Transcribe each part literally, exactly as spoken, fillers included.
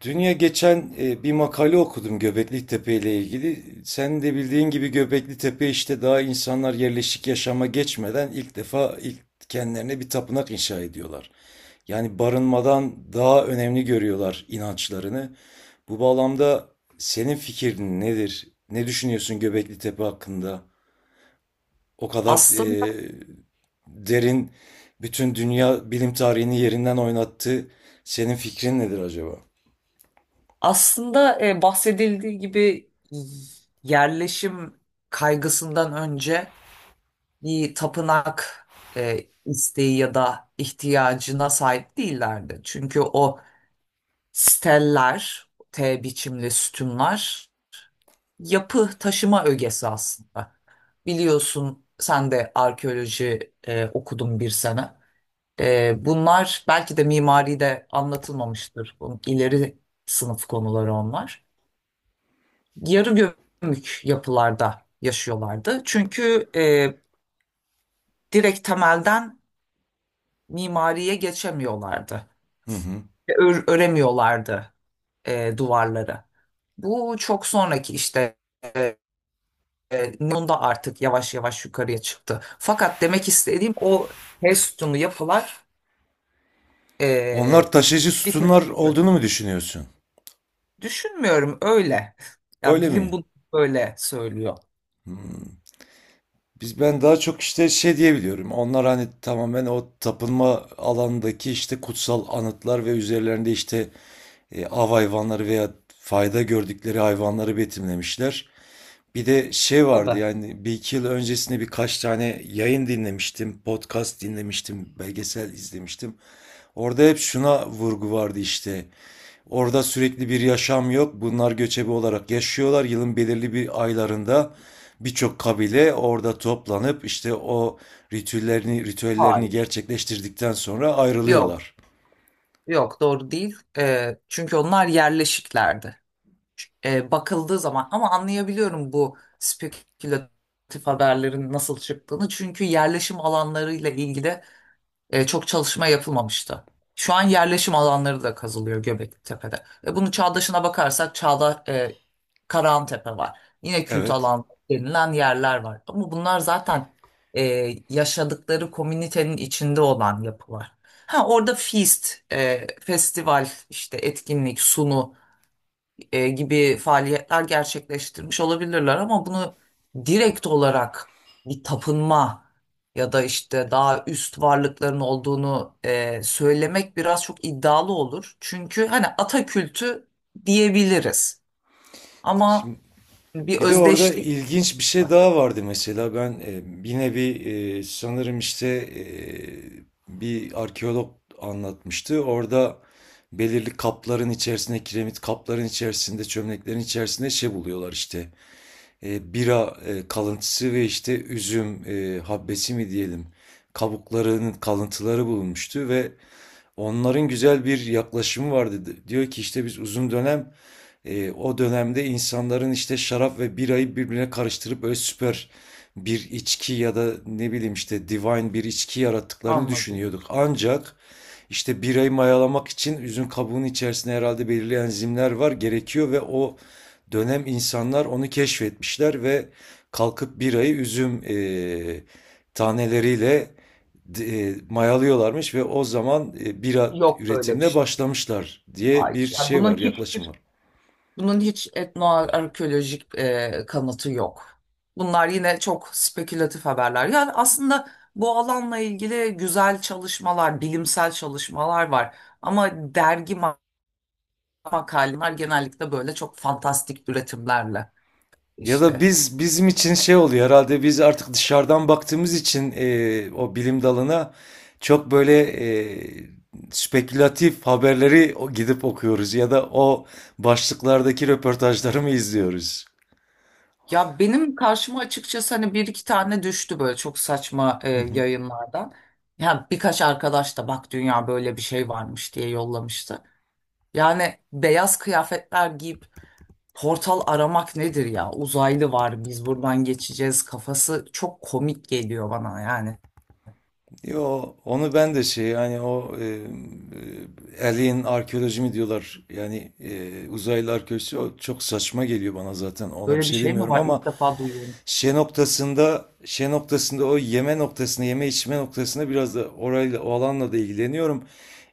Dünya geçen e, bir makale okudum Göbekli Tepe ile ilgili. Sen de bildiğin gibi Göbekli Tepe işte daha insanlar yerleşik yaşama geçmeden ilk defa ilk kendilerine bir tapınak inşa ediyorlar. Yani barınmadan daha önemli görüyorlar inançlarını. Bu bağlamda senin fikrin nedir? Ne düşünüyorsun Göbekli Tepe hakkında? O kadar e, Aslında derin, bütün dünya bilim tarihini yerinden oynattı. Senin fikrin nedir acaba? aslında e, bahsedildiği gibi yerleşim kaygısından önce bir tapınak e, isteği ya da ihtiyacına sahip değillerdi. Çünkü o steller, T biçimli sütunlar yapı taşıma ögesi aslında. Biliyorsun sen de arkeoloji e, okudun bir sene. E, bunlar belki de mimari de anlatılmamıştır. Bu ileri sınıf konuları onlar. Yarı gömük yapılarda yaşıyorlardı. Çünkü e, direkt temelden mimariye geçemiyorlardı. Hı hı. Ö- öremiyorlardı e, duvarları. Bu çok sonraki işte e, e, Neon'da artık yavaş yavaş yukarıya çıktı. Fakat demek istediğim o ters sütunlu yapılar Onlar e, taşıyıcı bir sütunlar tepki gördü. olduğunu mu düşünüyorsun? Düşünmüyorum öyle. Ya Öyle bilim mi? bunu böyle söylüyor. Hmm. Biz ben daha çok işte şey diyebiliyorum. Onlar hani tamamen o tapınma alanındaki işte kutsal anıtlar ve üzerlerinde işte e, av hayvanları veya fayda gördükleri hayvanları betimlemişler. Bir de şey vardı, Tabii. yani bir iki yıl öncesinde birkaç tane yayın dinlemiştim, podcast dinlemiştim, belgesel izlemiştim. Orada hep şuna vurgu vardı işte. Orada sürekli bir yaşam yok. Bunlar göçebe olarak yaşıyorlar. Yılın belirli bir aylarında birçok kabile orada toplanıp işte o ritüellerini ritüellerini Hayır. gerçekleştirdikten sonra Yok. ayrılıyorlar. Yok, doğru değil. Ee, çünkü onlar yerleşiklerdi. Ee, bakıldığı zaman, ama anlayabiliyorum bu spekülatif haberlerin nasıl çıktığını. Çünkü yerleşim alanlarıyla ilgili E, çok çalışma yapılmamıştı. Şu an yerleşim alanları da kazılıyor Göbektepe'de. E, bunu Çağdaş'ına bakarsak Çağda, e, Karahantepe var. Yine kült Evet. alan denilen yerler var. Ama bunlar zaten e, yaşadıkları komünitenin içinde olan yapılar. Ha orada feast, e, festival, işte etkinlik, sunu e, gibi faaliyetler gerçekleştirmiş olabilirler, ama bunu direkt olarak bir tapınma ya da işte daha üst varlıkların olduğunu e, söylemek biraz çok iddialı olur. Çünkü hani ata kültü diyebiliriz Şimdi ama bir bir de orada özdeşlik ilginç bir şey var. daha vardı. Mesela ben e, yine bir e, sanırım işte e, bir arkeolog anlatmıştı. Orada belirli kapların içerisinde, kiremit kapların içerisinde, çömleklerin içerisinde şey buluyorlar işte. E, bira e, kalıntısı ve işte üzüm e, habbesi mi diyelim, kabuklarının kalıntıları bulunmuştu ve onların güzel bir yaklaşımı vardı. Diyor ki işte biz uzun dönem e, o dönemde insanların işte şarap ve birayı birbirine karıştırıp böyle süper bir içki ya da ne bileyim işte divine bir içki yarattıklarını Anladım. düşünüyorduk. Ancak işte birayı mayalamak için üzüm kabuğunun içerisinde herhalde belirli enzimler var, gerekiyor ve o dönem insanlar onu keşfetmişler ve kalkıp birayı üzüm e, taneleriyle e, mayalıyorlarmış ve o zaman e, bira Yok böyle bir üretimine şey. başlamışlar diye bir Hayır. Yani şey var, bunun yaklaşım hiçbir var. Bunun hiç etnoarkeolojik e, kanıtı yok. Bunlar yine çok spekülatif haberler. Yani aslında bu alanla ilgili güzel çalışmalar, bilimsel çalışmalar var. Ama dergi ma- makaleler genellikle böyle çok fantastik üretimlerle Ya da işte. biz, bizim için şey oluyor herhalde, biz artık dışarıdan baktığımız için e, o bilim dalına çok böyle e, spekülatif haberleri o- gidip okuyoruz ya da o başlıklardaki röportajları mı izliyoruz? Ya benim karşıma açıkçası hani bir iki tane düştü böyle çok saçma e, Hı hı. yayınlardan. Ya birkaç arkadaş da bak dünya böyle bir şey varmış diye yollamıştı. Yani beyaz kıyafetler giyip portal aramak nedir ya? Uzaylı var, biz buradan geçeceğiz kafası çok komik geliyor bana yani. Yo, onu ben de şey, yani o e, e, alien arkeoloji mi diyorlar, yani e, uzaylı arkeoloji, o çok saçma geliyor bana, zaten ona bir Böyle bir şey şey mi demiyorum var? ama İlk defa duyuyorum. Şe noktasında, şe noktasında o yeme noktasında, yeme içme noktasında biraz da orayla, o alanla da ilgileniyorum.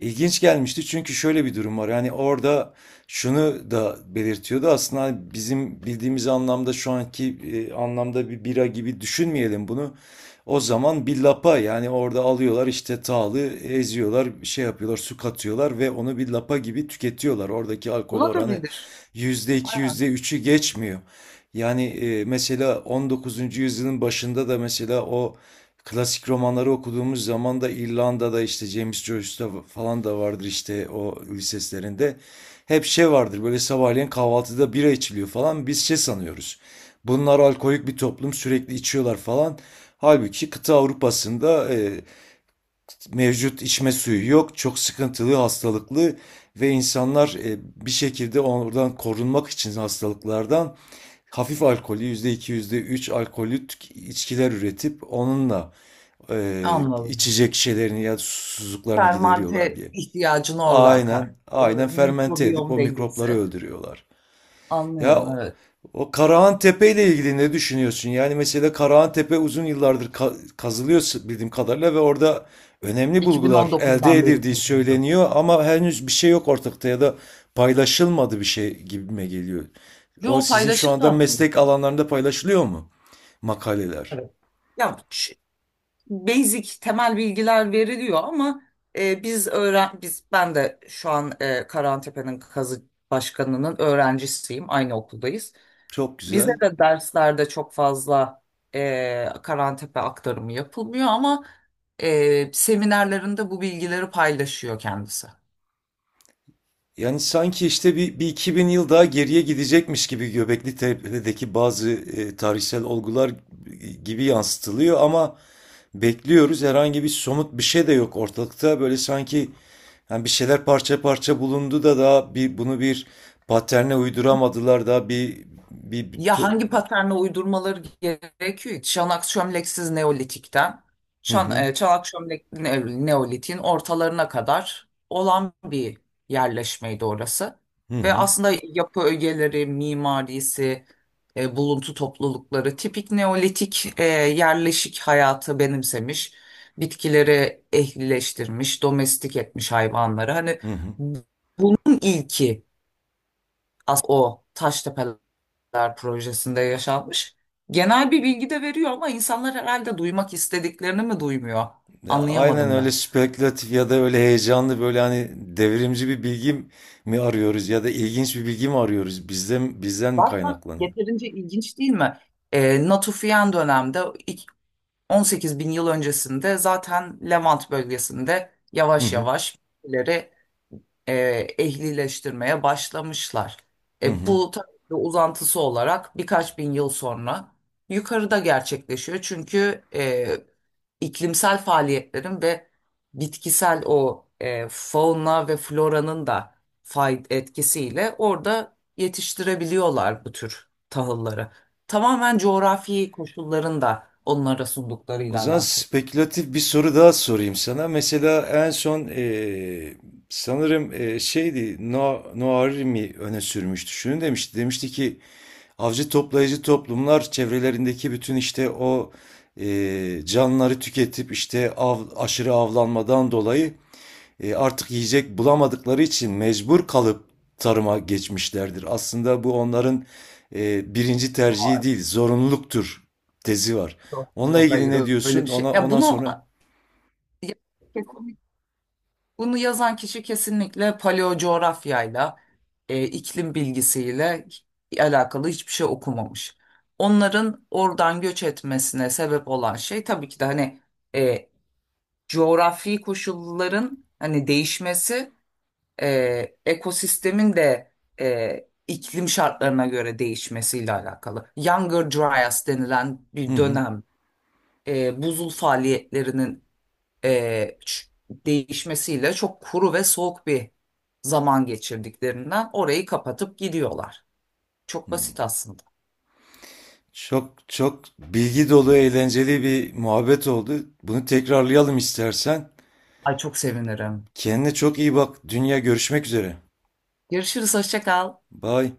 İlginç gelmişti çünkü şöyle bir durum var. Yani orada şunu da belirtiyordu. Aslında hani bizim bildiğimiz anlamda, şu anki e, anlamda bir bira gibi düşünmeyelim bunu. O zaman bir lapa, yani orada alıyorlar işte, tağlı eziyorlar, şey yapıyorlar, su katıyorlar ve onu bir lapa gibi tüketiyorlar. Oradaki alkol oranı Olabilir. yüzde iki, Aynen. yüzde üçü geçmiyor. Yani e, mesela on dokuzuncu yüzyılın başında da, mesela o klasik romanları okuduğumuz zaman da, İrlanda'da işte James Joyce'da falan da vardır işte o liseslerinde. Hep şey vardır, böyle sabahleyin kahvaltıda bira içiliyor falan, biz şey sanıyoruz: bunlar alkolik bir toplum, sürekli içiyorlar falan. Halbuki kıta Avrupa'sında e, mevcut içme suyu yok, çok sıkıntılı, hastalıklı ve insanlar e, bir şekilde oradan, korunmak için hastalıklardan hafif alkolü, yüzde iki yüzde üç alkolü tük- içkiler üretip onunla e, Anladım. içecek şeylerini ya da susuzluklarını gideriyorlar Fermante diye. ihtiyacını oradan Aynen, aynen, karşılıyor. fermente edip Mikrobiyom o dengesi. mikropları öldürüyorlar. Ya Anlıyorum, evet. o Karahan Tepe ile ilgili ne düşünüyorsun? Yani mesela Karahan Tepe uzun yıllardır ka- kazılıyor bildiğim kadarıyla ve orada önemli bulgular elde iki bin on dokuzdan beri edildiği kazanıyor. söyleniyor ama henüz bir şey yok ortakta, ya da paylaşılmadı bir şey gibime geliyor. O Yo, sizin şu paylaşıldı anda aslında. meslek alanlarında paylaşılıyor mu? Makaleler. Evet. Ya şu basic temel bilgiler veriliyor ama e, biz öğren biz ben de şu an e, Karantepe'nin kazı başkanının öğrencisiyim. Aynı okuldayız. Çok Bize güzel. de derslerde çok fazla eee Karantepe aktarımı yapılmıyor ama eee, seminerlerinde bu bilgileri paylaşıyor kendisi. Yani sanki işte bir, bir iki bin yıl daha geriye gidecekmiş gibi, Göbekli Tepe'deki bazı e, tarihsel olgular gibi yansıtılıyor ama bekliyoruz. Herhangi bir somut bir şey de yok ortalıkta. Böyle sanki yani bir şeyler parça parça bulundu da, daha bir, bunu bir paterne uyduramadılar da bir bir, bir Ya tu- hangi paterne uydurmaları gerekiyor? Çanak çömleksiz Neolitik'ten, hı çan, hı, e, çanak çömlekli Ne- Neolitik'in ortalarına kadar olan bir yerleşmeydi orası. hı Ve hı, aslında yapı ögeleri, mimarisi, e, buluntu toplulukları tipik Neolitik e, yerleşik hayatı benimsemiş, bitkileri ehlileştirmiş, domestik etmiş hayvanları. Hani hı hı. bunun ilki as o Taştepe Ler projesinde yaşanmış. Genel bir bilgi de veriyor ama insanlar herhalde duymak istediklerini mi duymuyor? Ya aynen Anlayamadım öyle, ben. spekülatif ya da öyle heyecanlı, böyle hani devrimci bir bilgi mi arıyoruz ya da ilginç bir bilgi mi arıyoruz? Bizden bizden mi Zaten kaynaklanıyor? yeterince ilginç değil mi? E, Natufian dönemde ilk on sekiz bin yıl öncesinde zaten Levant bölgesinde Hı yavaş hı, yavaş ileri e, ehlileştirmeye başlamışlar. hı E, hı. Bu tabii ki uzantısı olarak birkaç bin yıl sonra yukarıda gerçekleşiyor. Çünkü e, iklimsel faaliyetlerin ve bitkisel o e, fauna ve floranın da fay etkisiyle orada yetiştirebiliyorlar bu tür tahılları. Tamamen coğrafi koşulların da onlara O sunduklarıyla zaman alakalı. spekülatif bir soru daha sorayım sana. Mesela en son eee, sanırım eee, şeydi, No- Noarimi öne sürmüştü. Şunu demişti. Demişti ki avcı toplayıcı toplumlar çevrelerindeki bütün işte o eee, canlıları tüketip işte av, aşırı avlanmadan dolayı e, artık yiyecek bulamadıkları için mecbur kalıp tarıma geçmişlerdir. Aslında bu onların e, birinci tercihi değil, zorunluluktur tezi var. Yok, Onunla yok, ilgili hayır ne öyle diyorsun? bir şey. Ona Ya ondan bunu sonra, Bunu yazan kişi kesinlikle paleo coğrafyayla, e, iklim bilgisiyle alakalı hiçbir şey okumamış. Onların oradan göç etmesine sebep olan şey tabii ki de hani e, coğrafi koşulların hani değişmesi, e, ekosistemin de e, iklim şartlarına göre değişmesiyle alakalı. Younger Dryas denilen hı bir hı. dönem e, buzul faaliyetlerinin e, ç- değişmesiyle çok kuru ve soğuk bir zaman geçirdiklerinden orayı kapatıp gidiyorlar. Çok basit aslında. Çok çok bilgi dolu, eğlenceli bir muhabbet oldu. Bunu tekrarlayalım istersen. Ay, çok sevinirim. Kendine çok iyi bak. Dünya görüşmek üzere. Görüşürüz, hoşça kal. Bye.